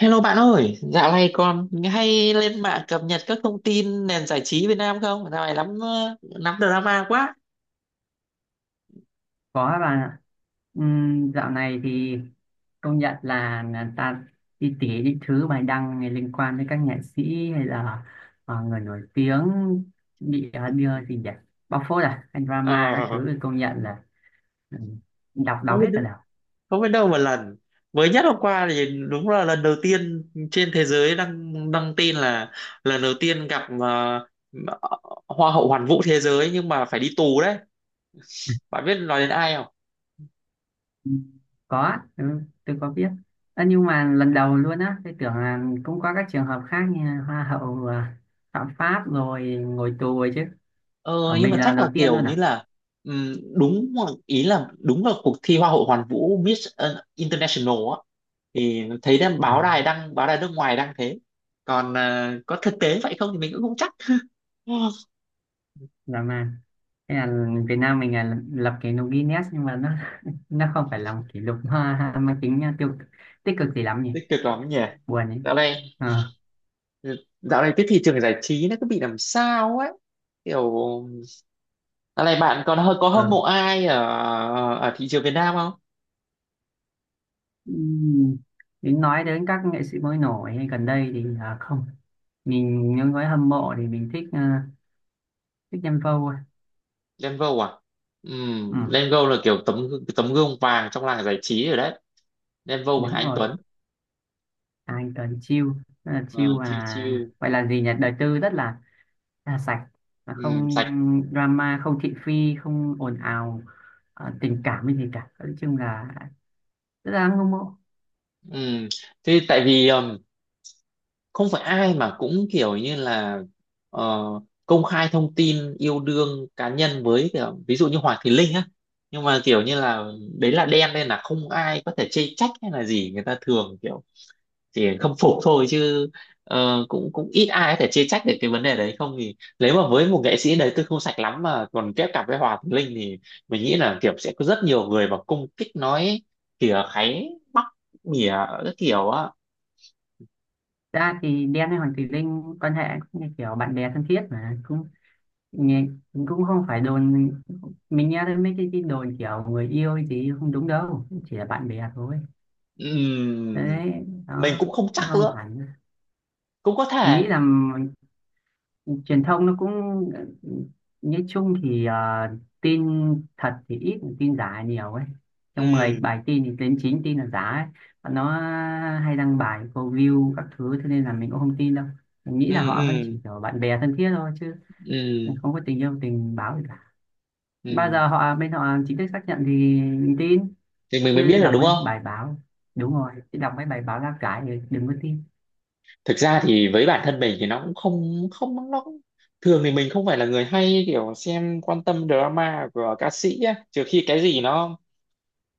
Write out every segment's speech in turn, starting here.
Hello bạn ơi, dạo này còn hay lên mạng cập nhật các thông tin nền giải trí Việt Nam không? Dạo này lắm drama quá. Có các bạn ạ. Dạo này thì công nhận là ta đi tỉ những thứ bài đăng này liên quan đến các nghệ sĩ hay là người nổi tiếng bị đưa gì nhỉ, bóc phốt à hay drama các Ờ, thứ thì công nhận là ừm, đọc đau không biết hết cả đầu. không biết đâu một lần. Mới nhất hôm qua thì đúng là lần đầu tiên trên thế giới đăng đăng tin là lần đầu tiên gặp Hoa hậu Hoàn vũ thế giới nhưng mà phải đi tù đấy. Bạn biết nói đến ai? Ừm, có á, ừ, tôi có biết. Ơ, nhưng mà lần đầu luôn á, tôi tưởng là cũng có các trường hợp khác như hoa hậu phạm pháp rồi ngồi tù rồi chứ. Ở Ờ, nhưng mình mà là lần chắc đầu là tiên kiểu luôn như à? là ý là đúng là cuộc thi Hoa hậu Hoàn vũ Miss International á, thì thấy đang báo đài đăng báo đài nước ngoài đăng thế, còn có thực tế vậy không thì mình cũng không chắc Dạ, mà thế là Việt Nam mình là lập kỷ lục Guinness, nhưng mà nó nó không phải là một kỷ lục ha, mang tính tiêu tích cực gì lắm nhỉ, tích cực lắm nhỉ. buồn ấy. dạo này Ờ, dạo này cái thị trường giải trí nó cứ bị làm sao ấy, kiểu dạo này bạn còn hơi có hâm mộ ừ. ai ở ở thị trường Việt Nam không? Ừm, Đến nói đến các nghệ sĩ mới nổi hay gần đây thì không, mình những với hâm mộ thì mình thích thích Nhân Vô thôi. Lengo à? Ừ, Lengo là kiểu tấm tấm gương vàng trong làng giải trí rồi đấy. Đen Vâu và Hà đúng Anh rồi, Tuấn. anh cần chill. Rất là chill, Ờ, Chill chill. à gọi là gì nhỉ, đời tư rất là sạch, là không Sạch. drama, không thị phi, không ồn ào, tình cảm hay gì cả. Nói chung là thực ra ngưỡng mộ. Ừm, Thế tại vì không phải ai mà cũng kiểu như là ờ, công khai thông tin yêu đương cá nhân với kiểu, ví dụ như Hoàng Thùy Linh á. Nhưng mà kiểu như là đấy là đen nên là không ai có thể chê trách hay là gì, người ta thường kiểu chỉ không phục thôi chứ, cũng cũng ít ai có thể chê trách được cái vấn đề đấy. Không thì nếu mà với một nghệ sĩ đấy tôi không sạch lắm mà còn kết cặp với Hòa Thùy Linh thì mình nghĩ là kiểu sẽ có rất nhiều người mà cung kích nói, kìa kháy, mỉa các kiểu á. Thật ra thì Đen hay Hoàng Thùy Linh quan hệ cũng như kiểu bạn bè thân thiết, mà cũng nghe- cũng không phải đồn. Mình nghe thấy mấy cái đồn kiểu người yêu thì không đúng đâu, chỉ là bạn bè thôi. Ừm, Đấy, mình đó, cũng không chắc nó không nữa, hẳn. cũng có Mình thể. nghĩ là truyền thông nó cũng ờ, nói chung thì tin thật thì ít, tin giả nhiều ấy. Trong 10 Ừm, bài tin thì đến 9 tin là giả ấy. Và nó hay đăng bài câu view các thứ, thế nên là mình cũng không tin đâu. Mình nghĩ là ừm, họ vẫn chỉ ừm, kiểu bạn bè thân thiết thôi, chứ ừm, không có tình yêu tình báo gì cả. Bao ừm, giờ họ bên họ chính thức xác nhận thì mình tin, thì mình mới chứ biết được đọc đúng mấy không. bài báo, đúng rồi, chứ đọc mấy bài báo lá cải thì đừng có tin. Thực ra thì với bản thân mình thì nó cũng không không thường thì mình không phải là người hay kiểu xem quan tâm drama của ca sĩ á, trừ khi cái gì nó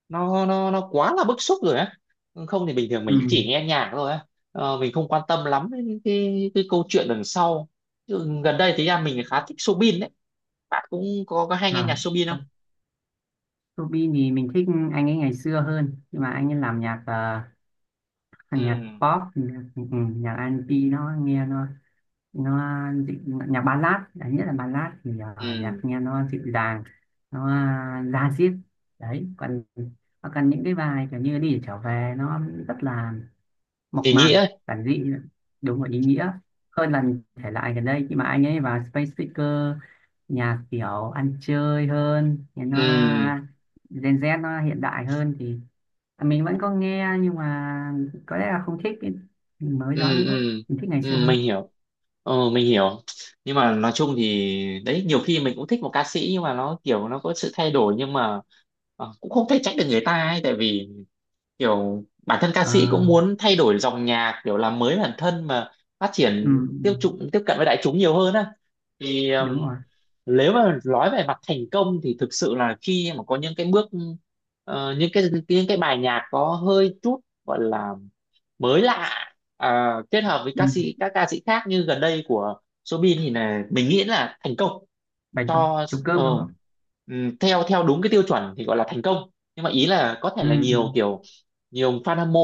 nó nó nó quá là bức xúc rồi á, không thì bình thường mình Ừ, chỉ nghe nhạc thôi á. Mình không quan tâm lắm đến cái câu chuyện đằng sau. Chứ gần đây thì ra mình khá thích Soobin đấy, bạn cũng có hay nghe à, nhạc Soobin không? Ruby thì mình thích anh ấy ngày xưa hơn, nhưng mà anh ấy làm nhạc Ừ, nhạc pop, nhạc, ừ, nhạc R&B nó nghe nó nhạc ballad đấy, nhất là ballad thì nhạc ừ, nghe nó dịu dàng, nó da diết. Đấy còn còn những cái bài kiểu như đi để trở về, nó rất là thì mộc nghĩa mạc, ấy. giản dị, đúng và ý nghĩa hơn là những thể loại gần đây khi mà anh ấy vào space speaker, nhạc kiểu ăn chơi hơn thì nó, Ừ, gen Z nó hiện đại hơn, thì mình vẫn có nghe, nhưng mà có lẽ là không thích cái mới đó ừ, nữa. ừ, Mình thích ngày xưa ừ, hơn. mình hiểu. Mình hiểu. Nhưng mà nói chung thì đấy, nhiều khi mình cũng thích một ca sĩ nhưng mà nó kiểu nó có sự thay đổi, nhưng mà cũng không thể trách được người ta ấy, tại vì kiểu bản thân ca sĩ cũng À, muốn thay đổi dòng nhạc, kiểu làm mới bản thân mà phát ừ, triển tiêu ừ, chuẩn tiếp cận với đại chúng nhiều hơn á. Thì đúng rồi. nếu mà nói về mặt thành công thì thực sự là khi mà có những cái bước những cái bài nhạc có hơi chút gọi là mới lạ, kết hợp với Ừ. ca sĩ các ca sĩ khác như gần đây của Soobin thì là mình nghĩ là thành công. Bài trống Cho trống ờ, cơm đúng không? Theo theo đúng cái tiêu chuẩn thì gọi là thành công. Nhưng mà ý là có thể Ừ, là ừ, nhiều fan hâm mộ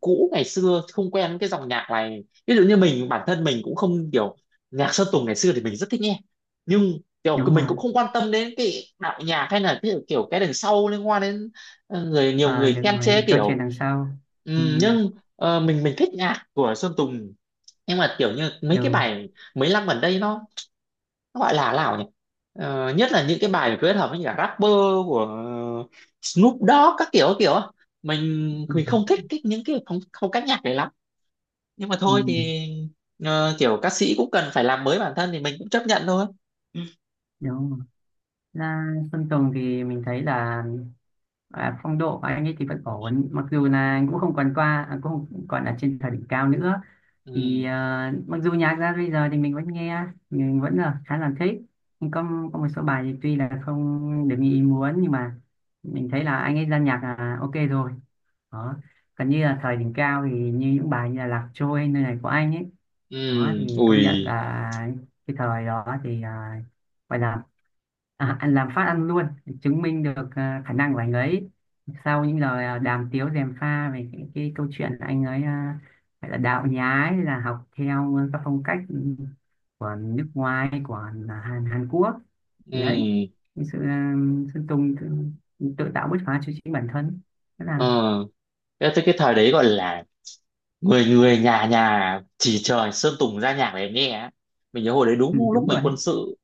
cũ ngày xưa không quen cái dòng nhạc này, ví dụ như mình, bản thân mình cũng không kiểu nhạc Sơn Tùng ngày xưa thì mình rất thích nghe, nhưng kiểu đúng mình rồi. cũng không quan tâm đến cái đạo nhạc hay là cái, kiểu cái đằng sau liên quan đến nhiều À, người được khen chê rồi, câu chuyện kiểu. đằng sau. Ừ, Nhưng mình thích nhạc của Sơn Tùng, nhưng mà kiểu như mấy cái được. bài mấy năm gần đây nó gọi là nào nhỉ. Nhất là những cái bài kết hợp với những cả rapper của Snoop Dogg các kiểu á. mình Ừ, mình không thích cái, những cái phong cách nhạc này lắm, nhưng mà ừ, thôi thì kiểu ca sĩ cũng cần phải làm mới bản thân thì mình cũng chấp nhận thôi. Ừ, đúng rồi. Là Sơn Tùng thì mình thấy là phong độ của anh ấy thì vẫn ổn, mặc dù là anh cũng không còn qua cũng không còn ở trên thời đỉnh cao nữa. Thì mặc dù nhạc ra bây giờ thì mình vẫn nghe, mình vẫn là khá là thích, nhưng có một số bài thì tuy là không được như ý muốn, nhưng mà mình thấy là anh ấy ra nhạc là ok rồi. Đó, còn như là thời đỉnh cao thì như những bài như là Lạc Trôi, nơi này của anh ấy. Đó thì ừ, công ui, nhận là cái thời đó thì gọi là anh làm phát ăn luôn, chứng minh được khả năng của anh ấy sau những lời đàm tiếu dèm pha về cái câu chuyện anh ấy phải là đạo nhái, là học theo các phong cách của nước ngoài, của Hàn Quốc. Thì đấy, ừ. cái sự Sơn Tùng tự tạo bứt phá cho chính bản thân, tức là, Ờ cái, cái cái thời đấy gọi là người người nhà nhà chỉ trời Sơn Tùng ra nhạc để nghe á. Mình nhớ hồi đấy ừ, đúng lúc đúng mình rồi đấy. quân sự,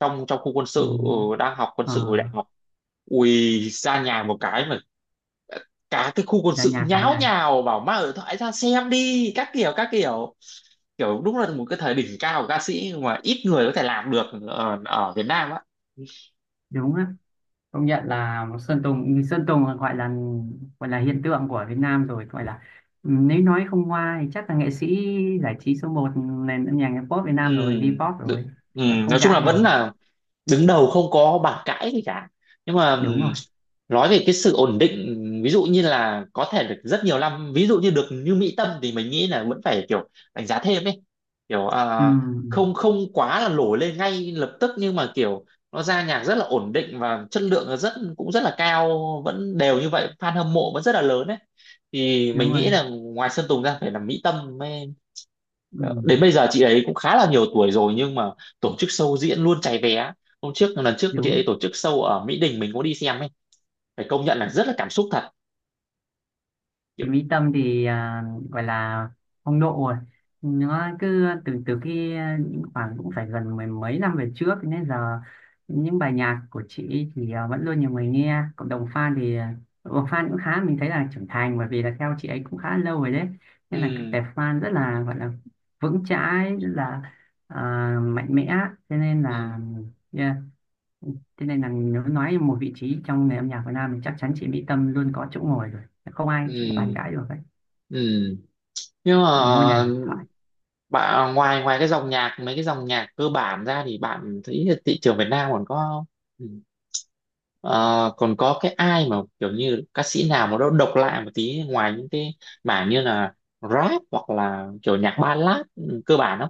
trong trong khu quân Ừ. sự, đang học quân Ờ, sự hồi đại học. Ui, ra nhà một cái mà cả cái khu quân ra sự nhà cái nháo lành. nhào bảo mang điện thoại ra xem đi các kiểu các kiểu. Kiểu đúng là một cái thời đỉnh cao của ca sĩ mà ít người có thể làm được ở Việt Nam á. Đúng á, công nhận là Sơn Tùng, Sơn Tùng gọi là hiện tượng của Việt Nam rồi, gọi là, ừ, nếu nói không hoa thì chắc là nghệ sĩ giải trí số một nền âm nhạc pop Việt Ừ, Nam rồi, V-pop rồi. đự- ừ, Là không nói chung là cãi được vẫn rồi. là đứng đầu không có bàn cãi gì cả. Nhưng mà Đúng rồi. nói về cái sự ổn định, ví dụ như là có thể được rất nhiều năm, ví dụ như được như Mỹ Tâm thì mình nghĩ là vẫn phải kiểu đánh giá thêm ấy. Kiểu Ừ, không không quá là nổi lên ngay lập tức nhưng mà kiểu nó ra nhạc rất là ổn định và chất lượng là cũng rất là cao, vẫn đều như vậy, fan hâm mộ vẫn rất là lớn ấy. Thì mình đúng rồi. nghĩ là ngoài Sơn Tùng ra phải là Mỹ Tâm. Ừ, Đến bây giờ chị ấy cũng khá là nhiều tuổi rồi nhưng mà tổ chức show diễn luôn cháy vé. Hôm trước Lần trước chị ấy đúng. tổ chức show ở Mỹ Đình mình có đi xem ấy. Phải công nhận là rất là cảm xúc thật kiểu. Thì Mỹ Tâm thì gọi là phong độ rồi, nó cứ từ từ khi khoảng cũng phải gần mười mấy năm về trước, nên giờ những bài nhạc của chị ấy thì vẫn luôn nhiều người nghe. Cộng đồng fan thì à, cộng đồng fan cũng khá, mình thấy là trưởng thành, bởi vì là theo chị ấy cũng khá lâu rồi đấy. Nên là cái Ừ, tệp fan rất là gọi là vững chãi, rất là à, mạnh mẽ, cho nên là, ừ, yeah. Thế nên là nếu nói một vị trí trong nền âm nhạc Việt Nam thì chắc chắn chị Mỹ Tâm luôn có chỗ ngồi rồi. Không ai chị bàn ừ, cãi được ấy. ừ. Nhưng mà Là Ngôi đền điện thoại. bạn, ngoài ngoài cái dòng nhạc mấy cái dòng nhạc cơ bản ra thì bạn thấy là thị trường Việt Nam còn có ừ, ờ, còn có cái ai mà kiểu như ca sĩ nào mà nó độc lạ một tí ngoài những cái mảng như là rap hoặc là kiểu nhạc ballad cơ bản không,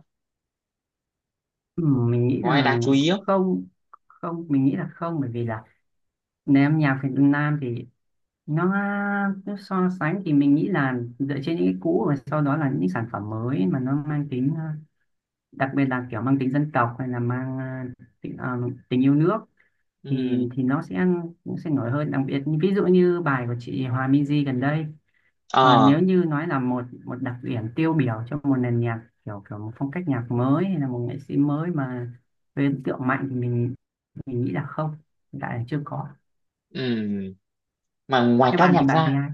Ừ, mình nghĩ có ai là đáng chú ý cũng không? Không, mình nghĩ là không, bởi vì là nền âm nhạc Việt Nam thì nó, nó so sánh thì mình nghĩ là dựa trên những cái cũ và sau đó là những sản phẩm mới mà nó mang tính đặc biệt là kiểu mang tính dân tộc, hay là mang tính, tình yêu nước thì ừ nó sẽ nổi hơn, đặc biệt ví dụ như bài của chị Hòa Minzy gần đây. Còn ờ nếu như nói là một một đặc điểm tiêu biểu cho một nền nhạc kiểu, kiểu một phong cách nhạc mới hay là một nghệ sĩ mới mà gây ấn tượng mạnh thì mình nghĩ là không, hiện tại là chưa có. ừ mà ngoài Các ca bạn nhạc thì bạn thấy ra, ai?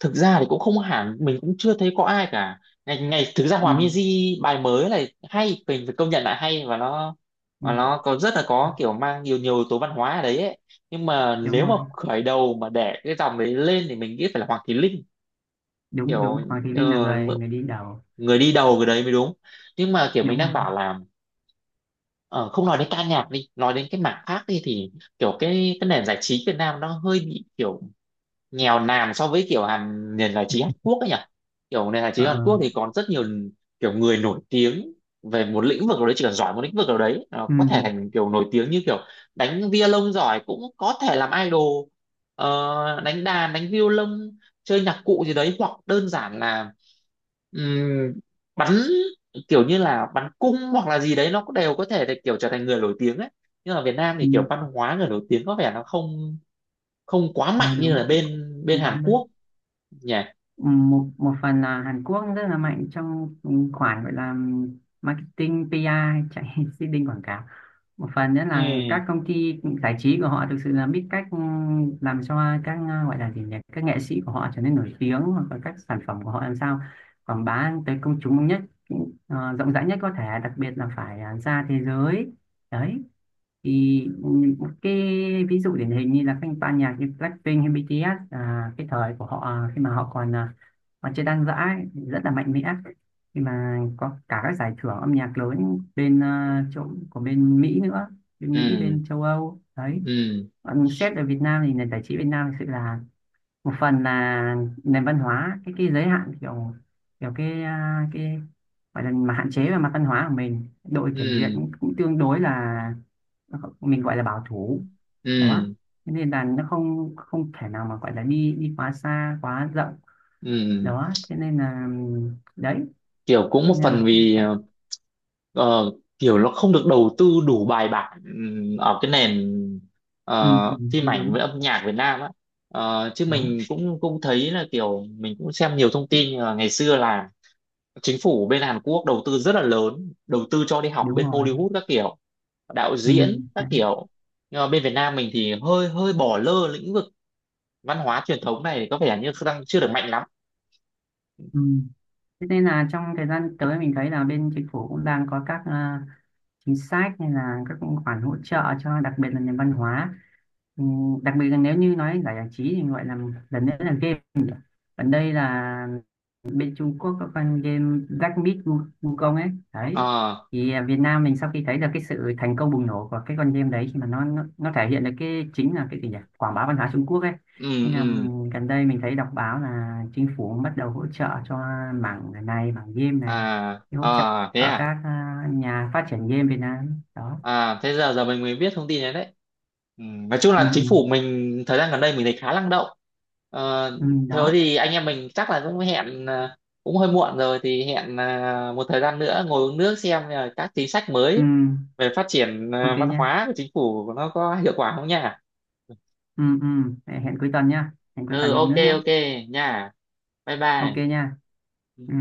thực ra thì cũng không hẳn, mình cũng chưa thấy có ai cả. Ngày ngày thực ra Ừ, Hòa Minzy bài mới này hay, mình phải công nhận là hay. và nó ừ. và nó có rất là À, có kiểu mang nhiều nhiều yếu tố văn hóa ở đấy ấy. Nhưng mà đúng nếu mà rồi, khởi đầu mà để cái dòng đấy lên thì mình nghĩ phải là Hoàng Thùy Linh, đúng kiểu đúng, Hoàng Thùy Linh là ờ, người người đi đầu. người đi đầu cái đấy mới đúng. Nhưng mà kiểu mình Đúng đang rồi. bảo là Ờ, không nói đến ca nhạc đi, nói đến cái mảng khác đi thì kiểu cái nền giải trí Việt Nam nó hơi bị kiểu nghèo nàn so với kiểu nền giải trí Hàn Quốc ấy nhỉ. Kiểu nền giải trí Ờ, Hàn Quốc thì còn rất nhiều kiểu người nổi tiếng về một lĩnh vực nào đấy, chỉ cần giỏi một lĩnh vực nào đấy nó ừ, có thể thành kiểu nổi tiếng, như kiểu đánh violon giỏi cũng có thể làm idol. Đánh đàn đánh violon chơi nhạc cụ gì đấy, hoặc đơn giản là Ừm, bắn kiểu như là bắn cung hoặc là gì đấy nó cũng đều có thể để kiểu trở thành người nổi tiếng ấy. Nhưng mà Việt Nam ừ, thì kiểu văn hóa người nổi tiếng có vẻ nó không không quá ờ, mạnh như đúng, là cũng bên bên không quá Hàn mấy. Quốc nhỉ. Một Một phần là Hàn Quốc rất là mạnh trong khoản gọi là marketing PR, chạy seeding quảng cáo. Một phần nữa là Ừ, các công ty giải trí của họ thực sự là biết cách làm cho các gọi là gì nhỉ, các nghệ sĩ của họ trở nên nổi tiếng, hoặc là các sản phẩm của họ làm sao quảng bá tới công chúng nhất, rộng rãi nhất có thể, đặc biệt là phải ra thế giới. Đấy thì một cái ví dụ điển hình như là các ban nhạc như Blackpink hay BTS, à, cái thời của họ khi mà họ còn còn chơi Đan Giã ấy, thì rất là mạnh mẽ khi mà có cả các giải thưởng âm nhạc lớn bên chỗ của bên Mỹ nữa, bên Mỹ, ừ, bên châu Âu đấy. ừ, Còn xét ở Việt Nam thì nền giải trí Việt Nam thực sự là một phần là nền văn hóa, cái giới hạn kiểu, kiểu cái cái gọi là mà hạn chế về mặt văn hóa của mình, đội kiểm duyệt ừ, cũng tương đối là mình gọi là bảo thủ. Đó, ừ, thế nên là nó không không thể nào mà gọi là đi đi quá xa, quá rộng. ừ, Đó, thế nên là, đấy, kiểu cũng một thế nên là phần vì phải- ờ, kiểu nó không được đầu tư đủ bài bản, ở cái nền ừ, phim ừ, ảnh đúng với âm nhạc Việt Nam á. Chứ đúng mình cũng cũng thấy là kiểu mình cũng xem nhiều thông tin, ngày xưa là chính phủ bên Hàn Quốc đầu tư rất là lớn, đầu tư cho đi học đúng bên rồi. Hollywood các kiểu, đạo Ừ, diễn các đấy. kiểu. Nhưng mà bên Việt Nam mình thì hơi hơi bỏ lơ lĩnh vực văn hóa truyền thống này, có vẻ như đang chưa được mạnh lắm. Ừ. Thế nên là trong thời gian tới mình thấy là bên chính phủ cũng đang có các chính sách, hay là các khoản hỗ trợ cho đặc biệt là nền văn hóa. Ừ, đặc biệt là nếu như nói giải giải trí thì gọi là lần nữa là game nhỉ? Còn đây là bên Trung Quốc có con game Black Myth Wukong ấy đấy. Ờ, Thì à, Việt Nam mình sau khi thấy được cái sự thành công bùng nổ của cái con game đấy, khi mà nó thể hiện được cái chính là cái gì nhỉ, quảng bá văn hóa Trung Quốc ấy. ừ, Nên là ừ, gần đây mình thấy đọc báo là chính phủ bắt đầu hỗ trợ cho mảng này, mảng game này. à, Thì hỗ trợ à, thế ở à. các nhà phát triển game Việt Nam đó. À, thế giờ giờ mình mới biết thông tin này đấy. Ừ, nói chung Ừ, là chính ừ, phủ mình thời gian gần đây mình thấy khá năng động. ờ, ừ, Thế đó, thì anh em mình chắc là cũng hẹn, cũng hơi muộn rồi thì hẹn một thời gian nữa ngồi uống nước xem là các chính sách ừ, mới về phát triển ok văn nha. hóa của chính phủ nó có hiệu quả không nha. Ừ, ừ. Hẹn cuối tuần nha, hẹn cuối Ừ, tuần dùng ok, nước nhá. ok, nha, bye Ok bye. nha. Ừ.